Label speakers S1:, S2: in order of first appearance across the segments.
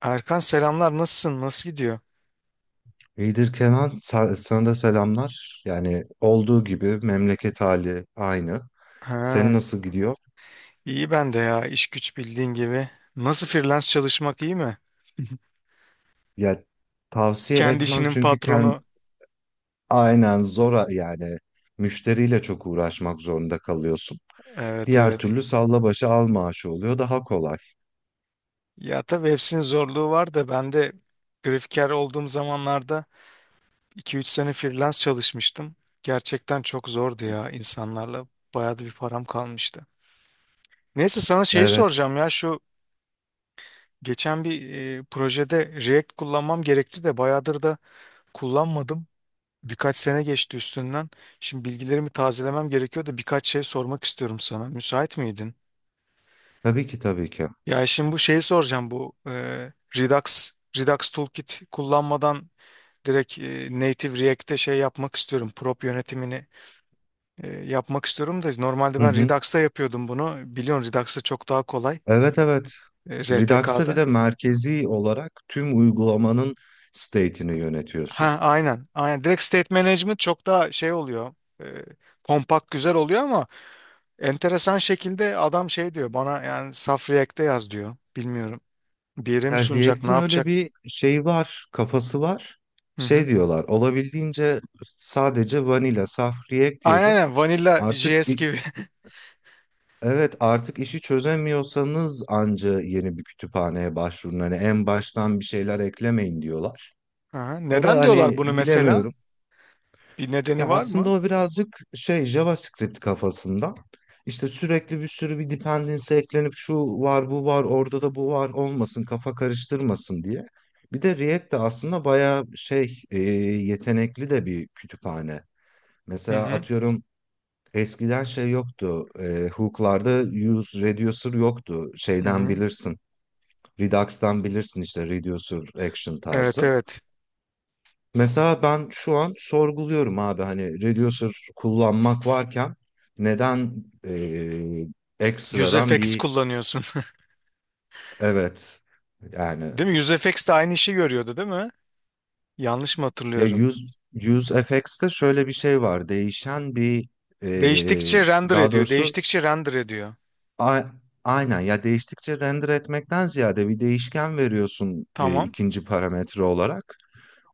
S1: Erkan selamlar, nasılsın, nasıl gidiyor?
S2: İyidir Kenan, sana da selamlar. Yani olduğu gibi memleket hali aynı. Senin
S1: Ha,
S2: nasıl gidiyor?
S1: iyi ben de ya, iş güç bildiğin gibi. Nasıl, freelance çalışmak iyi mi?
S2: Ya tavsiye
S1: Kendi
S2: etmem
S1: işinin
S2: çünkü kendi
S1: patronu.
S2: aynen zora yani müşteriyle çok uğraşmak zorunda kalıyorsun.
S1: Evet,
S2: Diğer
S1: evet.
S2: türlü salla başı al maaşı oluyor daha kolay.
S1: Ya tabii hepsinin zorluğu var da ben de grafiker olduğum zamanlarda 2-3 sene freelance çalışmıştım. Gerçekten çok zordu ya, insanlarla. Bayağı da bir param kalmıştı. Neyse, sana şeyi
S2: Evet,
S1: soracağım ya, şu geçen bir projede React kullanmam gerekti de bayağıdır da kullanmadım. Birkaç sene geçti üstünden. Şimdi bilgilerimi tazelemem gerekiyor da birkaç şey sormak istiyorum sana. Müsait miydin?
S2: tabii ki tabii ki.
S1: Ya şimdi bu şeyi soracağım, bu Redux Toolkit kullanmadan direkt Native React'te şey yapmak istiyorum. Prop yönetimini yapmak istiyorum da normalde
S2: Hı
S1: ben
S2: hı.
S1: Redux'ta yapıyordum bunu. Biliyorsun, Redux'ta çok daha kolay.
S2: Evet evet. Redux'a bir
S1: RTK'da.
S2: de merkezi olarak tüm uygulamanın state'ini yönetiyorsun.
S1: Ha, aynen. Aynen. Direkt State Management çok daha şey oluyor. E, kompakt güzel oluyor ama enteresan şekilde adam şey diyor bana, yani saf React'te yaz diyor. Bilmiyorum. Bir yere mi
S2: Ya
S1: sunacak, ne
S2: React'in öyle
S1: yapacak?
S2: bir şeyi var, kafası var.
S1: Hı
S2: Şey
S1: hı.
S2: diyorlar, olabildiğince sadece vanilla, saf React
S1: Aynen
S2: yazın.
S1: aynen, Vanilla
S2: Artık
S1: JS
S2: i-
S1: gibi.
S2: evet, artık işi çözemiyorsanız anca yeni bir kütüphaneye başvurun. Hani en baştan bir şeyler eklemeyin diyorlar.
S1: Aha.
S2: O da
S1: Neden diyorlar
S2: hani
S1: bunu mesela?
S2: bilemiyorum.
S1: Bir nedeni
S2: Ya
S1: var
S2: aslında
S1: mı?
S2: o birazcık şey JavaScript kafasında. İşte sürekli bir sürü dependency eklenip şu var bu var orada da bu var olmasın kafa karıştırmasın diye. Bir de React de aslında bayağı şey yetenekli de bir kütüphane.
S1: Hı
S2: Mesela
S1: hı.
S2: atıyorum eskiden şey yoktu. Hook'larda use reducer yoktu.
S1: Hı
S2: Şeyden
S1: hı.
S2: bilirsin. Redux'tan bilirsin işte reducer action
S1: Evet,
S2: tarzı.
S1: evet.
S2: Mesela ben şu an sorguluyorum abi hani Reducer kullanmak varken neden eee, ekstradan
S1: UseFX
S2: bir
S1: kullanıyorsun.
S2: evet yani
S1: Değil mi? UseFX de aynı işi görüyordu değil mi? Yanlış mı
S2: ya
S1: hatırlıyorum?
S2: use FX'te şöyle bir şey var, değişen bir
S1: Değiştikçe
S2: eee,
S1: render
S2: daha
S1: ediyor.
S2: doğrusu
S1: Değiştikçe render ediyor.
S2: a- aynen ya, değiştikçe render etmekten ziyade bir değişken veriyorsun
S1: Tamam.
S2: ikinci parametre olarak,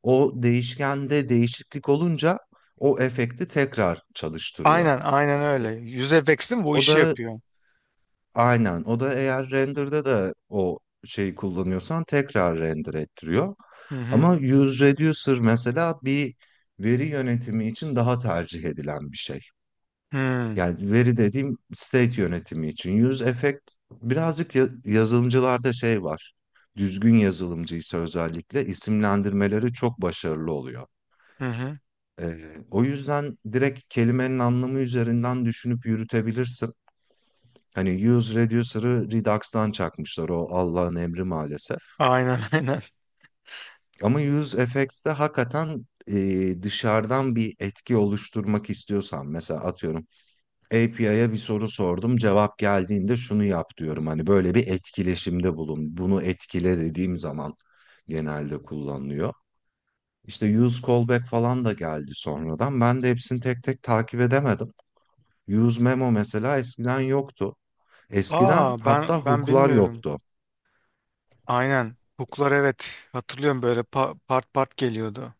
S2: o değişkende değişiklik olunca o efekti tekrar çalıştırıyor.
S1: Aynen aynen öyle. UseFX değil mi? Bu
S2: O
S1: işi
S2: da
S1: yapıyor.
S2: aynen. O da eğer render'da da o şeyi kullanıyorsan tekrar render ettiriyor.
S1: Hı hı.
S2: Ama use reducer mesela bir veri yönetimi için daha tercih edilen bir şey.
S1: Hı
S2: Yani veri dediğim state yönetimi için. Use effect birazcık yazılımcılarda şey var. Düzgün yazılımcıysa özellikle isimlendirmeleri çok başarılı oluyor.
S1: hı.
S2: Ee, O yüzden direkt kelimenin anlamı üzerinden düşünüp yürütebilirsin. Hani Use Reducer'ı Redux'tan çakmışlar o Allah'ın emri maalesef.
S1: Aynen, aynen.
S2: Ama UseFX'te hakikaten dışarıdan bir etki oluşturmak istiyorsan mesela atıyorum API'ye bir soru sordum, cevap geldiğinde şunu yap diyorum. Hani böyle bir etkileşimde bulun, bunu etkile dediğim zaman genelde kullanılıyor. İşte use callback falan da geldi sonradan. Ben de hepsini tek tek takip edemedim. Use memo mesela eskiden yoktu. Eskiden
S1: Aa,
S2: hatta
S1: ben
S2: hook'lar
S1: bilmiyorum.
S2: yoktu.
S1: Aynen. Hook'lar, evet. Hatırlıyorum, böyle part part geliyordu.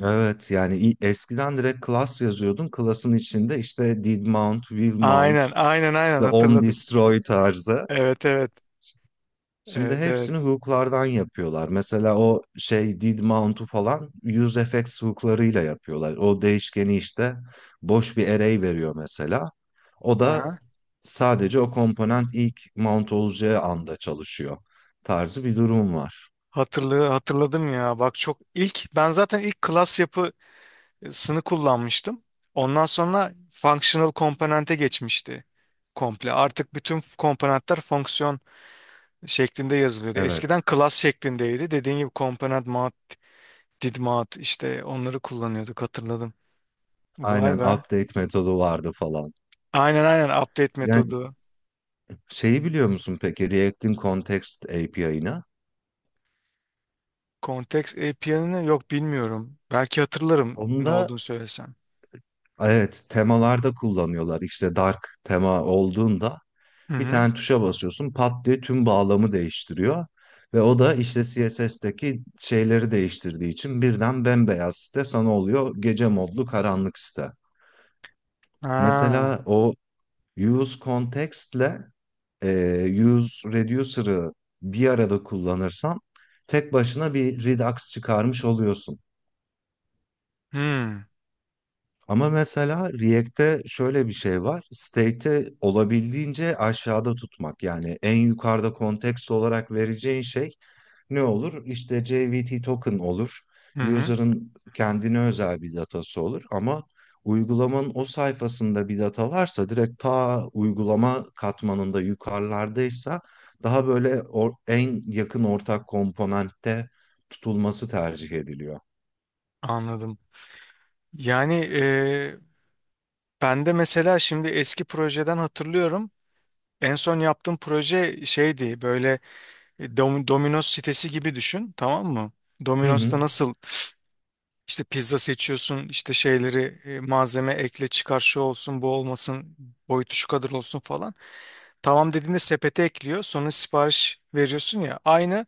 S2: Eskiden direkt class yazıyordun. Class'ın içinde işte did mount, will mount,
S1: Aynen, aynen, aynen,
S2: işte on
S1: hatırladım.
S2: destroy tarzı.
S1: Evet, evet.
S2: Şimdi
S1: Evet, evet.
S2: hepsini hook'lardan yapıyorlar. Mesela o şey did mount'u falan use useFX hook'larıyla yapıyorlar. O değişkeni işte boş bir array veriyor mesela. O da
S1: Aha.
S2: sadece o komponent ilk mount olacağı anda çalışıyor tarzı bir durum var.
S1: Hatırladım ya. Bak, çok ilk, ben zaten ilk class yapısını kullanmıştım. Ondan sonra functional komponente geçmişti komple. Artık bütün komponentler fonksiyon şeklinde yazılıyordu.
S2: Evet.
S1: Eskiden class şeklindeydi. Dediğin gibi, komponent mount, did mount, işte onları kullanıyorduk, hatırladım.
S2: Aynen
S1: Vay be.
S2: update metodu vardı falan.
S1: Aynen, aynen, update
S2: Yani
S1: metodu.
S2: şeyi biliyor musun peki React'in Context API'ını?
S1: Context API'ını, yok, bilmiyorum. Belki hatırlarım ne
S2: Onda
S1: olduğunu söylesem.
S2: evet, temalarda kullanıyorlar. İşte dark tema olduğunda
S1: Hı
S2: bir
S1: hı.
S2: tane tuşa basıyorsun, pat diye tüm bağlamı değiştiriyor. Ve o da işte CSS'teki şeyleri değiştirdiği için birden bembeyaz site sana oluyor gece modlu karanlık site.
S1: Ha.
S2: Mesela o use context'le e, use reducer'ı bir arada kullanırsan tek başına bir Redux çıkarmış oluyorsun.
S1: Hı.
S2: Ama mesela React'te şöyle bir şey var: state'i olabildiğince aşağıda tutmak. Yani en yukarıda kontekst olarak vereceğin şey ne olur? İşte JWT token olur.
S1: Hı hı.
S2: User'ın kendine özel bir datası olur. Ama uygulamanın o sayfasında bir data varsa direkt ta uygulama katmanında yukarılardaysa daha böyle en yakın ortak komponentte tutulması tercih ediliyor.
S1: Anladım. Yani ben de mesela şimdi eski projeden hatırlıyorum. En son yaptığım proje şeydi, böyle Domino's sitesi gibi düşün, tamam mı?
S2: Hı hı.
S1: Domino's'ta nasıl. İşte pizza seçiyorsun, işte şeyleri malzeme ekle çıkar, şu olsun bu olmasın, boyutu şu kadar olsun falan. Tamam dediğinde sepete ekliyor. Sonra sipariş veriyorsun ya. Aynı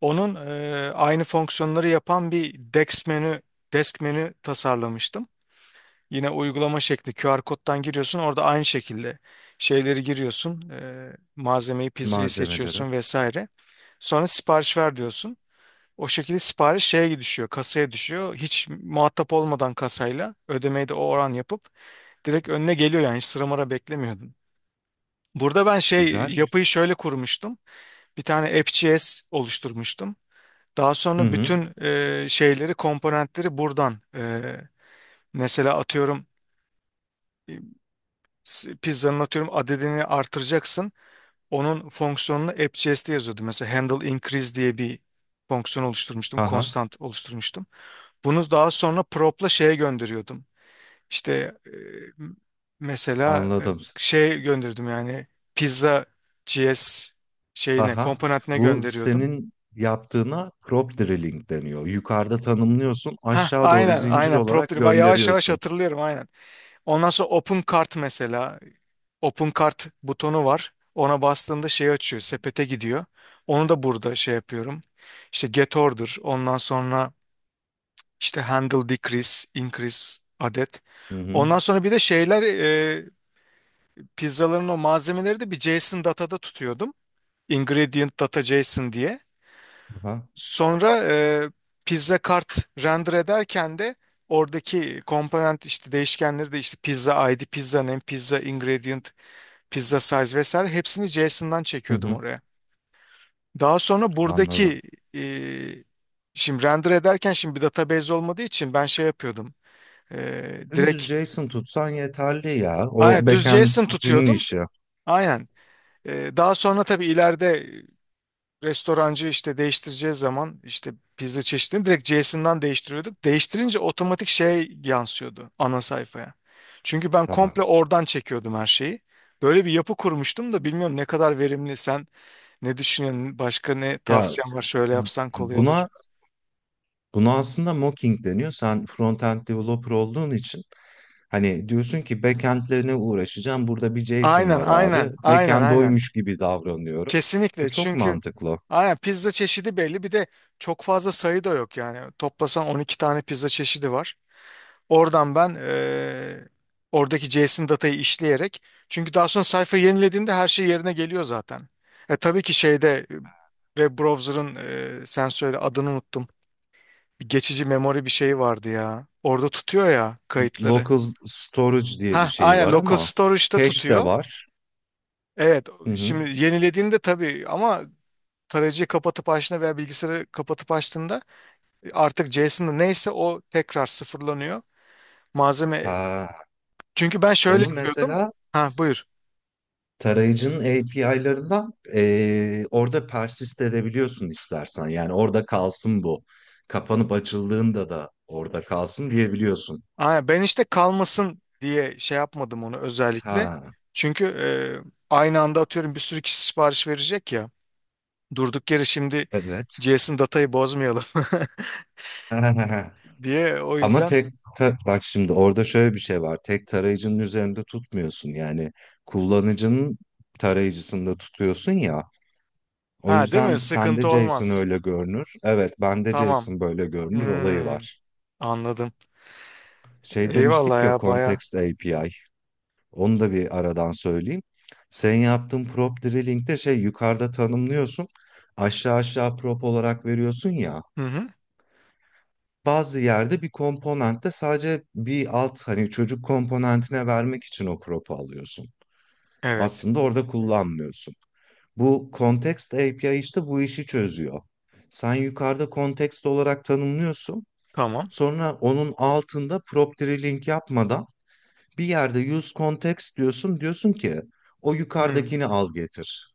S1: onun aynı fonksiyonları yapan bir desk menü, desk menü tasarlamıştım. Yine uygulama şekli, QR koddan giriyorsun. Orada aynı şekilde şeyleri giriyorsun. Malzemeyi, pizzayı
S2: Malzemeleri.
S1: seçiyorsun vesaire. Sonra sipariş ver diyorsun. O şekilde sipariş şeye düşüyor, kasaya düşüyor. Hiç muhatap olmadan kasayla ödemeyi de o oran yapıp direkt önüne geliyor, yani hiç sıra mara beklemiyordum. Burada ben şey,
S2: Güzel.
S1: yapıyı şöyle kurmuştum. Bir tane AppJS oluşturmuştum. Daha
S2: Hı
S1: sonra
S2: hı.
S1: bütün şeyleri, komponentleri buradan, mesela atıyorum e, pizzanın, atıyorum, adedini artıracaksın. Onun fonksiyonunu AppJS'te yazıyordu. Mesela handle increase diye bir fonksiyon oluşturmuştum,
S2: Aha,
S1: constant oluşturmuştum. Bunu daha sonra prop'la şeye gönderiyordum. İşte e, mesela
S2: anladım.
S1: şey gönderdim, yani pizza GS şeyine,
S2: Aha,
S1: komponentine
S2: bu
S1: gönderiyordum.
S2: senin yaptığına crop drilling deniyor. Yukarıda tanımlıyorsun,
S1: Ha
S2: aşağı doğru
S1: aynen,
S2: zincir
S1: aynen, prop
S2: olarak
S1: dedi. Bak, yavaş yavaş
S2: gönderiyorsun.
S1: hatırlıyorum, aynen. Ondan sonra open cart mesela, open cart butonu var. Ona bastığında şey açıyor, sepete gidiyor. Onu da burada şey yapıyorum. İşte get order, ondan sonra işte handle decrease, increase adet.
S2: Hı hı.
S1: Ondan sonra bir de şeyler. Pizzaların o malzemeleri de bir JSON datada tutuyordum. Ingredient data JSON diye.
S2: Aha.
S1: Sonra pizza kart render ederken de oradaki komponent işte değişkenleri de, işte pizza ID, pizza name, pizza ingredient, pizza size vesaire hepsini JSON'dan
S2: Hı
S1: çekiyordum
S2: hı.
S1: oraya. Daha sonra
S2: Anladım.
S1: buradaki e, şimdi render ederken, şimdi bir database olmadığı için ben şey yapıyordum. E,
S2: Dümdüz
S1: direkt
S2: JSON tutsan yeterli ya. O
S1: aynen, düz JSON
S2: backend'cinin
S1: tutuyordum.
S2: işi.
S1: Aynen. Daha sonra tabii ileride restorancı işte değiştireceği zaman işte pizza çeşidini direkt Jason'dan değiştiriyorduk. Değiştirince otomatik şey yansıyordu ana sayfaya. Çünkü ben
S2: Tamam.
S1: komple oradan çekiyordum her şeyi. Böyle bir yapı kurmuştum da bilmiyorum ne kadar verimli, sen ne düşünüyorsun, başka ne
S2: Ya
S1: tavsiyen var, şöyle yapsan kolay olur.
S2: buna Buna aslında mocking deniyor. Sen front-end developer olduğun için hani diyorsun ki backend'lerine uğraşacağım. Burada bir JSON
S1: Aynen,
S2: var abi.
S1: aynen, aynen,
S2: Backend
S1: aynen.
S2: oymuş gibi davranıyorum. Bu
S1: Kesinlikle,
S2: çok
S1: çünkü
S2: mantıklı.
S1: aynen pizza çeşidi belli, bir de çok fazla sayı da yok yani. Toplasan 12 tane pizza çeşidi var. Oradan ben, oradaki JSON datayı işleyerek, çünkü daha sonra sayfa yenilediğinde her şey yerine geliyor zaten. Tabii ki şeyde, web browser'ın sen söyle, adını unuttum. Bir geçici memori bir şeyi vardı ya. Orada tutuyor ya kayıtları.
S2: Local storage diye
S1: Ha,
S2: bir şey
S1: aynen,
S2: var
S1: local
S2: ama
S1: storage'da
S2: cache de
S1: tutuyor.
S2: var.
S1: Evet,
S2: Hı hı.
S1: şimdi yenilediğinde tabii ama tarayıcıyı kapatıp açtığında veya bilgisayarı kapatıp açtığında artık JSON'da neyse o tekrar sıfırlanıyor. Malzeme,
S2: Ha,
S1: çünkü ben şöyle
S2: onu
S1: yapıyordum.
S2: mesela
S1: Ha, buyur.
S2: tarayıcının API'larından orada persist edebiliyorsun istersen. Yani orada kalsın bu. Kapanıp açıldığında da orada kalsın diyebiliyorsun.
S1: Aynen, ben işte kalmasın diye şey yapmadım onu özellikle.
S2: Ha,
S1: Çünkü aynı anda atıyorum bir sürü kişi sipariş verecek ya. Durduk yere şimdi
S2: evet.
S1: JSON datayı bozmayalım diye, o
S2: Ama
S1: yüzden.
S2: bak şimdi orada şöyle bir şey var. Tek tarayıcının üzerinde tutmuyorsun. Yani kullanıcının tarayıcısında tutuyorsun ya. O
S1: Ha, değil mi?
S2: yüzden sende
S1: Sıkıntı
S2: JSON
S1: olmaz.
S2: öyle görünür, evet, bende
S1: Tamam.
S2: JSON böyle görünür olayı
S1: Hmm,
S2: var.
S1: anladım.
S2: Şey
S1: Eyvallah
S2: demiştik ya,
S1: ya, baya.
S2: Context API. Onu da bir aradan söyleyeyim. Sen yaptığın prop drilling'de şey yukarıda tanımlıyorsun. Aşağı aşağı prop olarak veriyorsun ya.
S1: Hı hı.
S2: Bazı yerde bir komponentte sadece bir alt hani çocuk komponentine vermek için o crop'u alıyorsun.
S1: Evet.
S2: Aslında orada kullanmıyorsun. Bu Context API işte bu işi çözüyor. Sen yukarıda context olarak tanımlıyorsun.
S1: Tamam.
S2: Sonra onun altında property link yapmadan bir yerde use context diyorsun. Diyorsun ki o
S1: Hı.
S2: yukarıdakini al getir.